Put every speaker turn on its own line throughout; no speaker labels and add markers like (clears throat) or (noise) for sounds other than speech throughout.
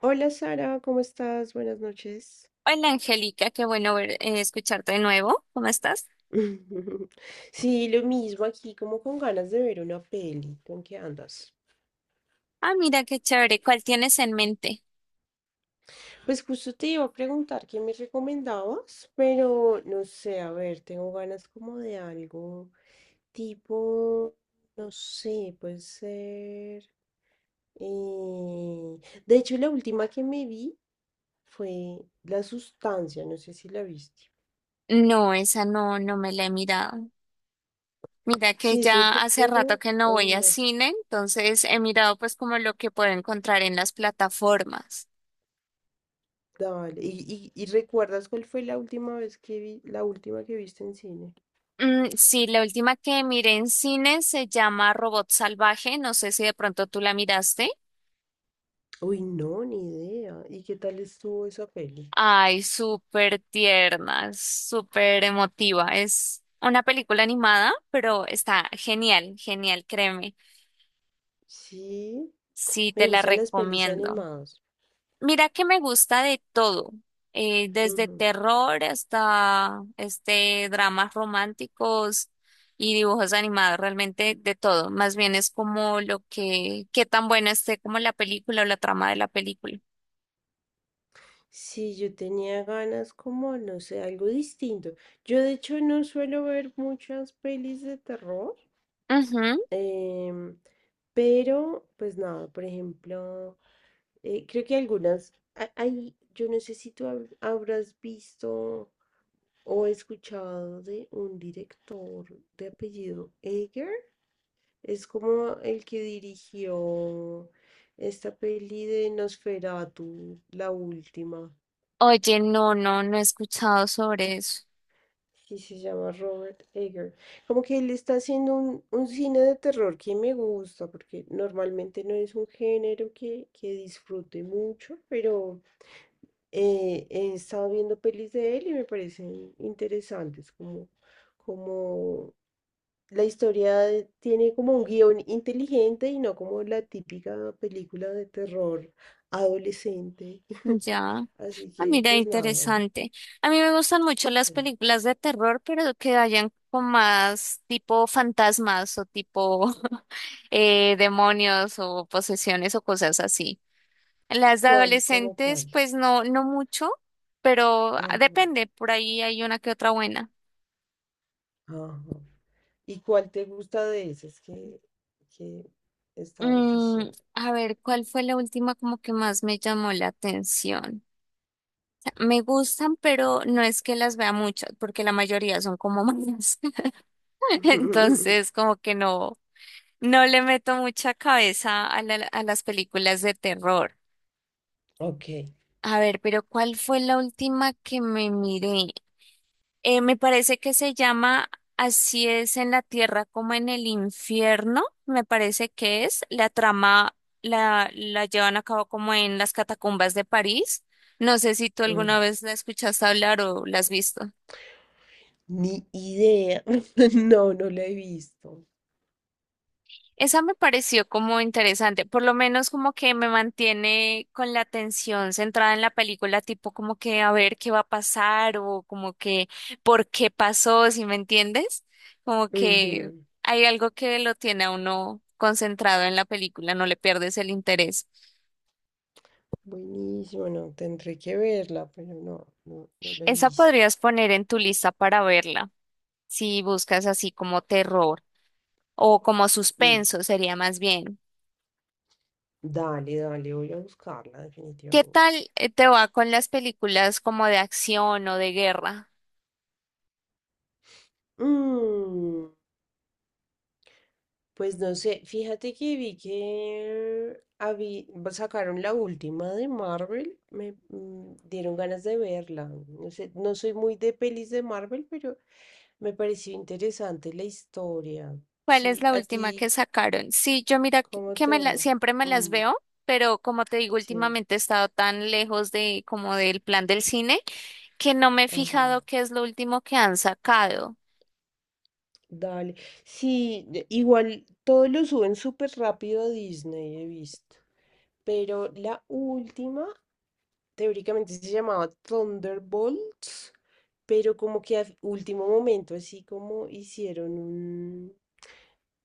Hola Sara, ¿cómo estás? Buenas noches.
Hola Angélica, qué bueno escucharte de nuevo. ¿Cómo estás?
(laughs) Sí, lo mismo aquí, como con ganas de ver una peli. ¿Tú en qué andas?
Ah, mira qué chévere. ¿Cuál tienes en mente?
Pues justo te iba a preguntar qué me recomendabas, pero no sé, a ver, tengo ganas como de algo tipo, no sé, puede ser. eh, De hecho, la última que me vi fue La Sustancia, no sé si la viste.
No, esa no, no me la he mirado. Mira que
Sí, es un
ya hace rato
género.
que no voy a
Ajá.
cine, entonces he mirado pues como lo que puedo encontrar en las plataformas.
Dale. ¿Y recuerdas cuál fue la última que viste en cine?
Sí, la última que miré en cine se llama Robot Salvaje. No sé si de pronto tú la miraste.
Uy, no, ni idea. ¿Y qué tal estuvo esa peli?
Ay, súper tierna, súper emotiva. Es una película animada, pero está genial, genial, créeme.
Sí,
Sí,
me
te la
gustan las pelis
recomiendo.
animadas.
Mira que me gusta de todo, desde
Ujú.
terror hasta este dramas románticos y dibujos animados, realmente de todo. Más bien es como lo que, qué tan buena esté como la película o la trama de la película.
Sí, yo tenía ganas como, no sé, algo distinto. Yo de hecho no suelo ver muchas pelis de terror,
Ujú.
em, pero pues nada, por ejemplo, creo que algunas, hay, yo no sé si tú habrás visto o he escuchado de un director de apellido Ager, es como el que dirigió esta peli de Nosferatu, la última,
Oye, no, no, no he escuchado sobre eso.
y se llama Robert Eger. Como que él está haciendo un cine de terror que me gusta, porque normalmente no es un género que disfrute mucho, pero he estado viendo pelis de él y me parecen interesantes, como la historia tiene como un guión inteligente y no como la típica película de terror adolescente. (laughs)
Ya.
Así
Ah,
que,
mira,
pues nada.
interesante. A mí me gustan mucho las
Sí.
películas de terror, pero que vayan con más tipo fantasmas o tipo (laughs) demonios o posesiones o cosas así. Las de
¿Cuál? ¿Cómo
adolescentes,
cuál?
pues no, no mucho, pero ah,
Ajá,
depende, por ahí hay una que otra buena.
ajá. ¿Y cuál te gusta de esas que estabas
Mm,
diciendo?
a ver, ¿cuál fue la última como que más me llamó la atención? Me gustan, pero no es que las vea muchas, porque la mayoría son como malas. (laughs)
(laughs)
Entonces, como que no. No le meto mucha cabeza a a las películas de terror.
Ok.
A ver, pero ¿cuál fue la última que me miré? Me parece que se llama Así es en la tierra como en el infierno. Me parece que es. La trama la llevan a cabo como en las catacumbas de París. No sé si tú alguna
Mm.
vez la escuchaste hablar o la has visto.
Ni idea. (laughs) No, no la he visto.
Esa me pareció como interesante, por lo menos como que me mantiene con la atención centrada en la película, tipo como que a ver qué va a pasar o como que por qué pasó, si me entiendes, como que
Ujú.
hay algo que lo tiene a uno concentrado en la película, no le pierdes el interés.
Buenísimo, no, tendré que verla, pero no, no, no la he
Esa
visto.
podrías poner en tu lista para verla, si buscas así como terror o como
Mm.
suspenso, sería más bien.
Dale, dale, voy a buscarla
¿Qué
definitivamente.
tal te va con las películas como de acción o de guerra?
Mm, pues no sé, fíjate que vi que sacaron la última de Marvel, me dieron ganas de verla. No sé, no soy muy de pelis de Marvel, pero me pareció interesante la historia.
¿Cuál es
Sí,
la
a
última que
ti,
sacaron? Sí, yo mira que
¿cómo
que me
te va?
siempre me las
Mm,
veo, pero como te digo,
sí,
últimamente he estado tan lejos de como del plan del cine que no me he
ajá,
fijado qué es lo último que han sacado.
dale. Sí, igual todo lo suben súper rápido a Disney, he visto. Pero la última, teóricamente se llamaba Thunderbolts, pero como que a último momento, así como hicieron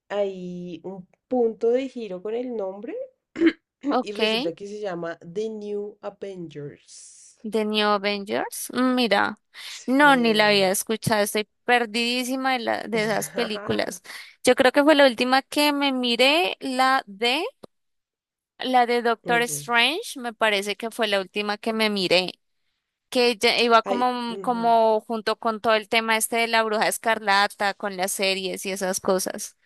ahí un punto de giro con el nombre (clears throat) y
Ok,
resulta que se llama The New Avengers.
The New Avengers. Mira, no, ni la había
Sí.
escuchado, estoy perdidísima de esas
(laughs)
películas. Yo creo que fue la última que me miré, la de Doctor
Ujú.
Strange, me parece que fue la última que me miré. Que ya iba
Ay,
como,
ujú.
como junto con todo el tema este de la Bruja Escarlata, con las series y esas cosas.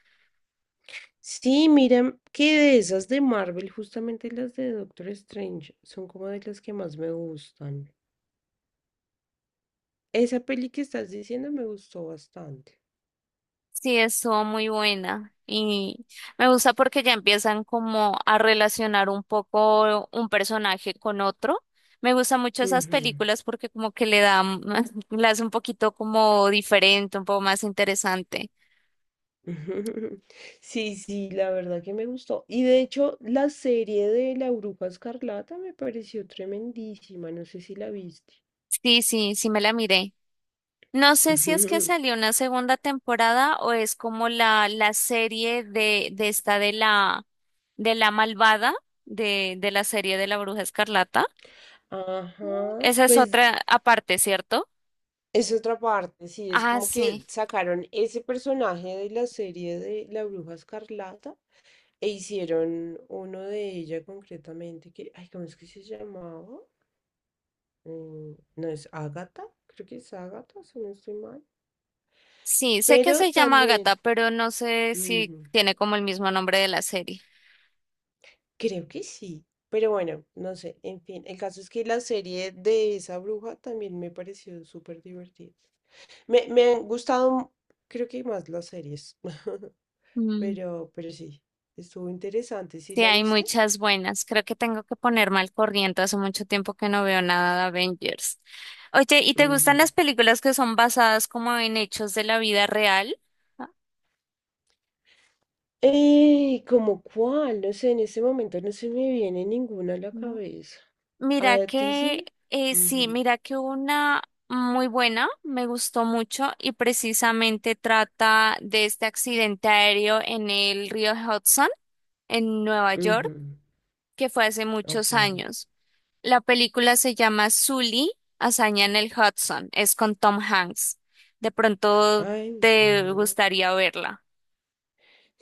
Sí, mira, que de esas de Marvel, justamente las de Doctor Strange, son como de las que más me gustan. Esa peli que estás diciendo me gustó bastante.
Sí, estuvo muy buena y me gusta porque ya empiezan como a relacionar un poco un personaje con otro. Me gustan mucho esas
Ujú.
películas porque como que le dan, (laughs) la hace un poquito como diferente, un poco más interesante.
Ujú. (laughs) Sí, sí, la verdad que me gustó. Y de hecho, la serie de La Bruja Escarlata me pareció tremendísima. No sé si la viste.
Sí, sí, sí me la miré. No
(laughs)
sé si es que
Ujú.
salió una segunda temporada o es como la serie de esta de la malvada de la serie de la Bruja Escarlata.
Ajá,
Esa es
pues
otra aparte, ¿cierto?
es otra parte, sí, es
Ah,
como
sí.
que sacaron ese personaje de la serie de La Bruja Escarlata e hicieron uno de ella concretamente, que, ay, ¿cómo es que se llamaba? Mm, no es Agatha, creo que es Agatha si no estoy mal.
Sí, sé que
Pero
se llama Agatha,
también,
pero no sé si
ujú,
tiene como el mismo nombre de la serie.
creo que sí. Pero bueno, no sé, en fin, el caso es que la serie de esa bruja también me pareció súper divertida. Me han gustado, creo que más las series, (laughs)
Mm,
pero sí, estuvo interesante, ¿sí
Sí,
la
hay
viste?
muchas buenas. Creo que tengo que ponerme al corriente. Hace mucho tiempo que no veo nada de Avengers. Oye, ¿y te gustan las
Ujú.
películas que son basadas como en hechos de la vida real? Ah,
¿Cómo cuál? No sé, en este momento no se me viene ninguna a la
no.
cabeza.
Mira
¿A ti
que,
sí?
sí,
Ujú.
mira que hubo una muy buena, me gustó mucho y precisamente trata de este accidente aéreo en el río Hudson, en Nueva York,
Ujú.
que fue hace
Ok.
muchos años. La película se llama Sully, Hazaña en el Hudson, es con Tom Hanks. De pronto
Ay,
te
no.
gustaría verla.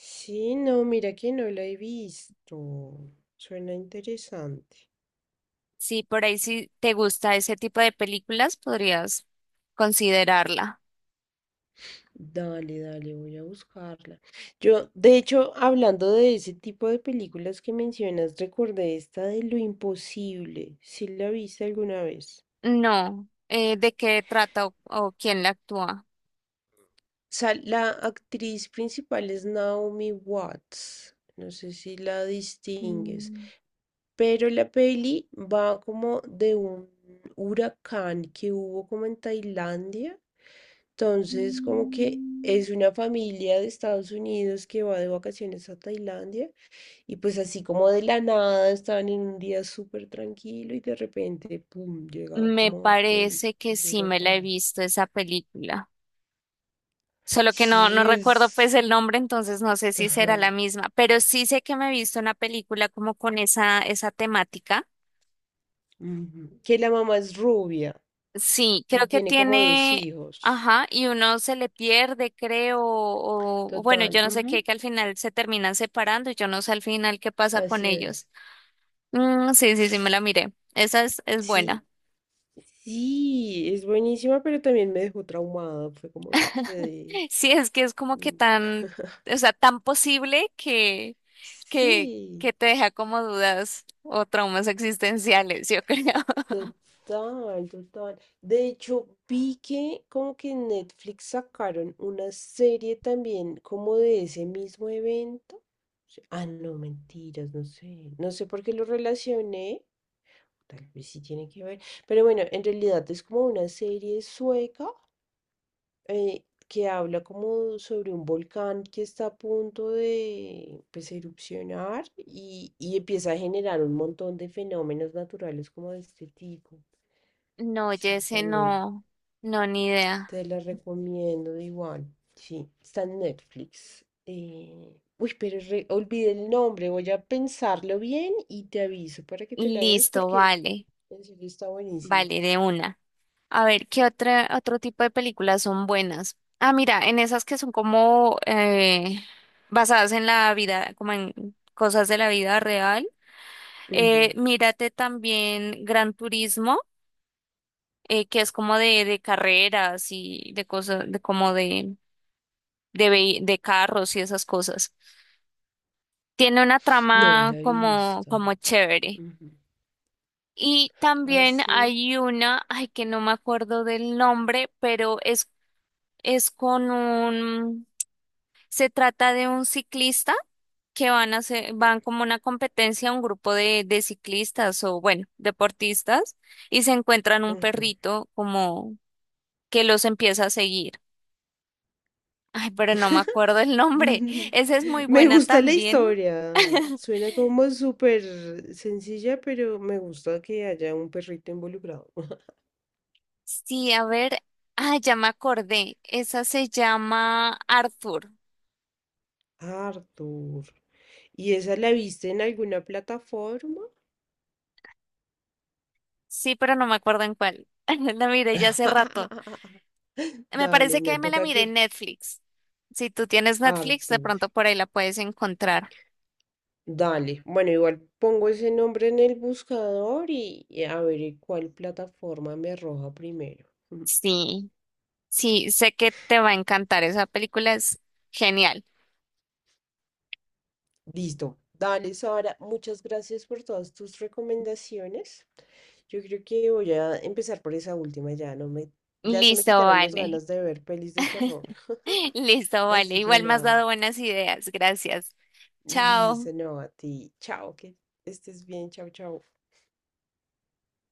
Sí, no, mira que no la he visto. Suena interesante.
Sí, por ahí si te gusta ese tipo de películas, podrías considerarla.
Dale, dale, voy a buscarla. Yo, de hecho, hablando de ese tipo de películas que mencionas, recordé esta de Lo Imposible. ¿Si la viste alguna vez?
No, ¿de qué trata o quién la actúa?
La actriz principal es Naomi Watts. No sé si la distingues.
Mm,
Pero la peli va como de un huracán que hubo como en Tailandia. Entonces, como que es una familia de Estados Unidos que va de vacaciones a Tailandia y pues así como de la nada estaban en un día súper tranquilo y de repente, ¡pum!, llega
Me
como
parece que
el
sí me la he
huracán.
visto esa película, solo que no, no
Sí,
recuerdo
es.
pues el nombre, entonces no sé si será
Ajá.
la misma, pero sí sé que me he visto una película como con esa, esa temática.
Ujú. Que la mamá es rubia
Sí,
y
creo que
tiene como dos
tiene,
hijos.
ajá, y uno se le pierde, creo, o bueno,
Total.
yo no sé qué,
Ujú.
que al final se terminan separando y yo no sé al final qué pasa con
Así
ellos.
es.
Sí, sí, sí, me la miré. Esa es buena.
Sí, sí, es buenísima, pero también me dejó traumada. Fue como que.
(laughs) Sí, es que es como que tan, o sea, tan posible
Sí,
que te deja como dudas o traumas existenciales, yo creo. (laughs)
total, total. De hecho, vi que como que en Netflix sacaron una serie también como de ese mismo evento. Sí, ah, no, mentiras, no sé. No sé por qué lo relacioné. Tal vez sí tiene que ver. Pero bueno, en realidad es como una serie sueca que habla como sobre un volcán que está a punto de pues, erupcionar y empieza a generar un montón de fenómenos naturales como de este tipo.
No,
Sí,
Jesse,
también
no, no, ni idea.
te la recomiendo de igual. Sí, está en Netflix. Uy, pero olvidé el nombre, voy a pensarlo bien y te aviso para que te la veas
Listo,
porque
vale,
en serio está buenísima.
vale, de una. A ver, ¿qué otra, otro tipo de películas son buenas? Ah, mira, en esas que son como basadas en la vida, como en cosas de la vida real.
Ujú.
Mírate también Gran Turismo. Que es como de carreras y de cosas, de como de, vehi- de carros y esas cosas. Tiene una
No,
trama
la he
como,
visto.
como chévere.
Ujú.
Y también
Hace.
hay una, ay, que no me acuerdo del nombre, pero es con un, se trata de un ciclista que van a hacer, van como una competencia, un grupo de ciclistas o bueno, deportistas, y se encuentran un
Ujú.
perrito como que los empieza a seguir. Ay, pero no me acuerdo el nombre.
(laughs)
Esa es muy
Me
buena
gusta la
también.
historia.
(laughs)
Suena como súper sencilla, pero me gusta que haya un perrito involucrado. (laughs)
Sí, a ver. Ah, ya me acordé. Esa se llama Arthur.
Arthur. ¿Y esa la viste en alguna plataforma?
Sí, pero no me acuerdo en cuál. (laughs) La miré ya hace rato.
(laughs)
Me
Dale,
parece
no
que me la
toca
miré
que
en Netflix. Si tú tienes Netflix, de
Arthur.
pronto por ahí la puedes encontrar.
Dale. Bueno, igual pongo ese nombre en el buscador y a ver en cuál plataforma me arroja primero. (laughs)
Sí, sí, sé que te va a encantar. Esa película es genial.
Listo. Dale, Sara, muchas gracias por todas tus recomendaciones. Yo creo que voy a empezar por esa última, ya no me, ya se me
Listo,
quitaron las
vale.
ganas de ver pelis de terror.
(laughs)
(laughs)
Listo, vale.
Así que
Igual me has dado
nada,
buenas ideas. Gracias. Chao.
Lisa, no, a ti. Chao, que estés bien, chao, chao.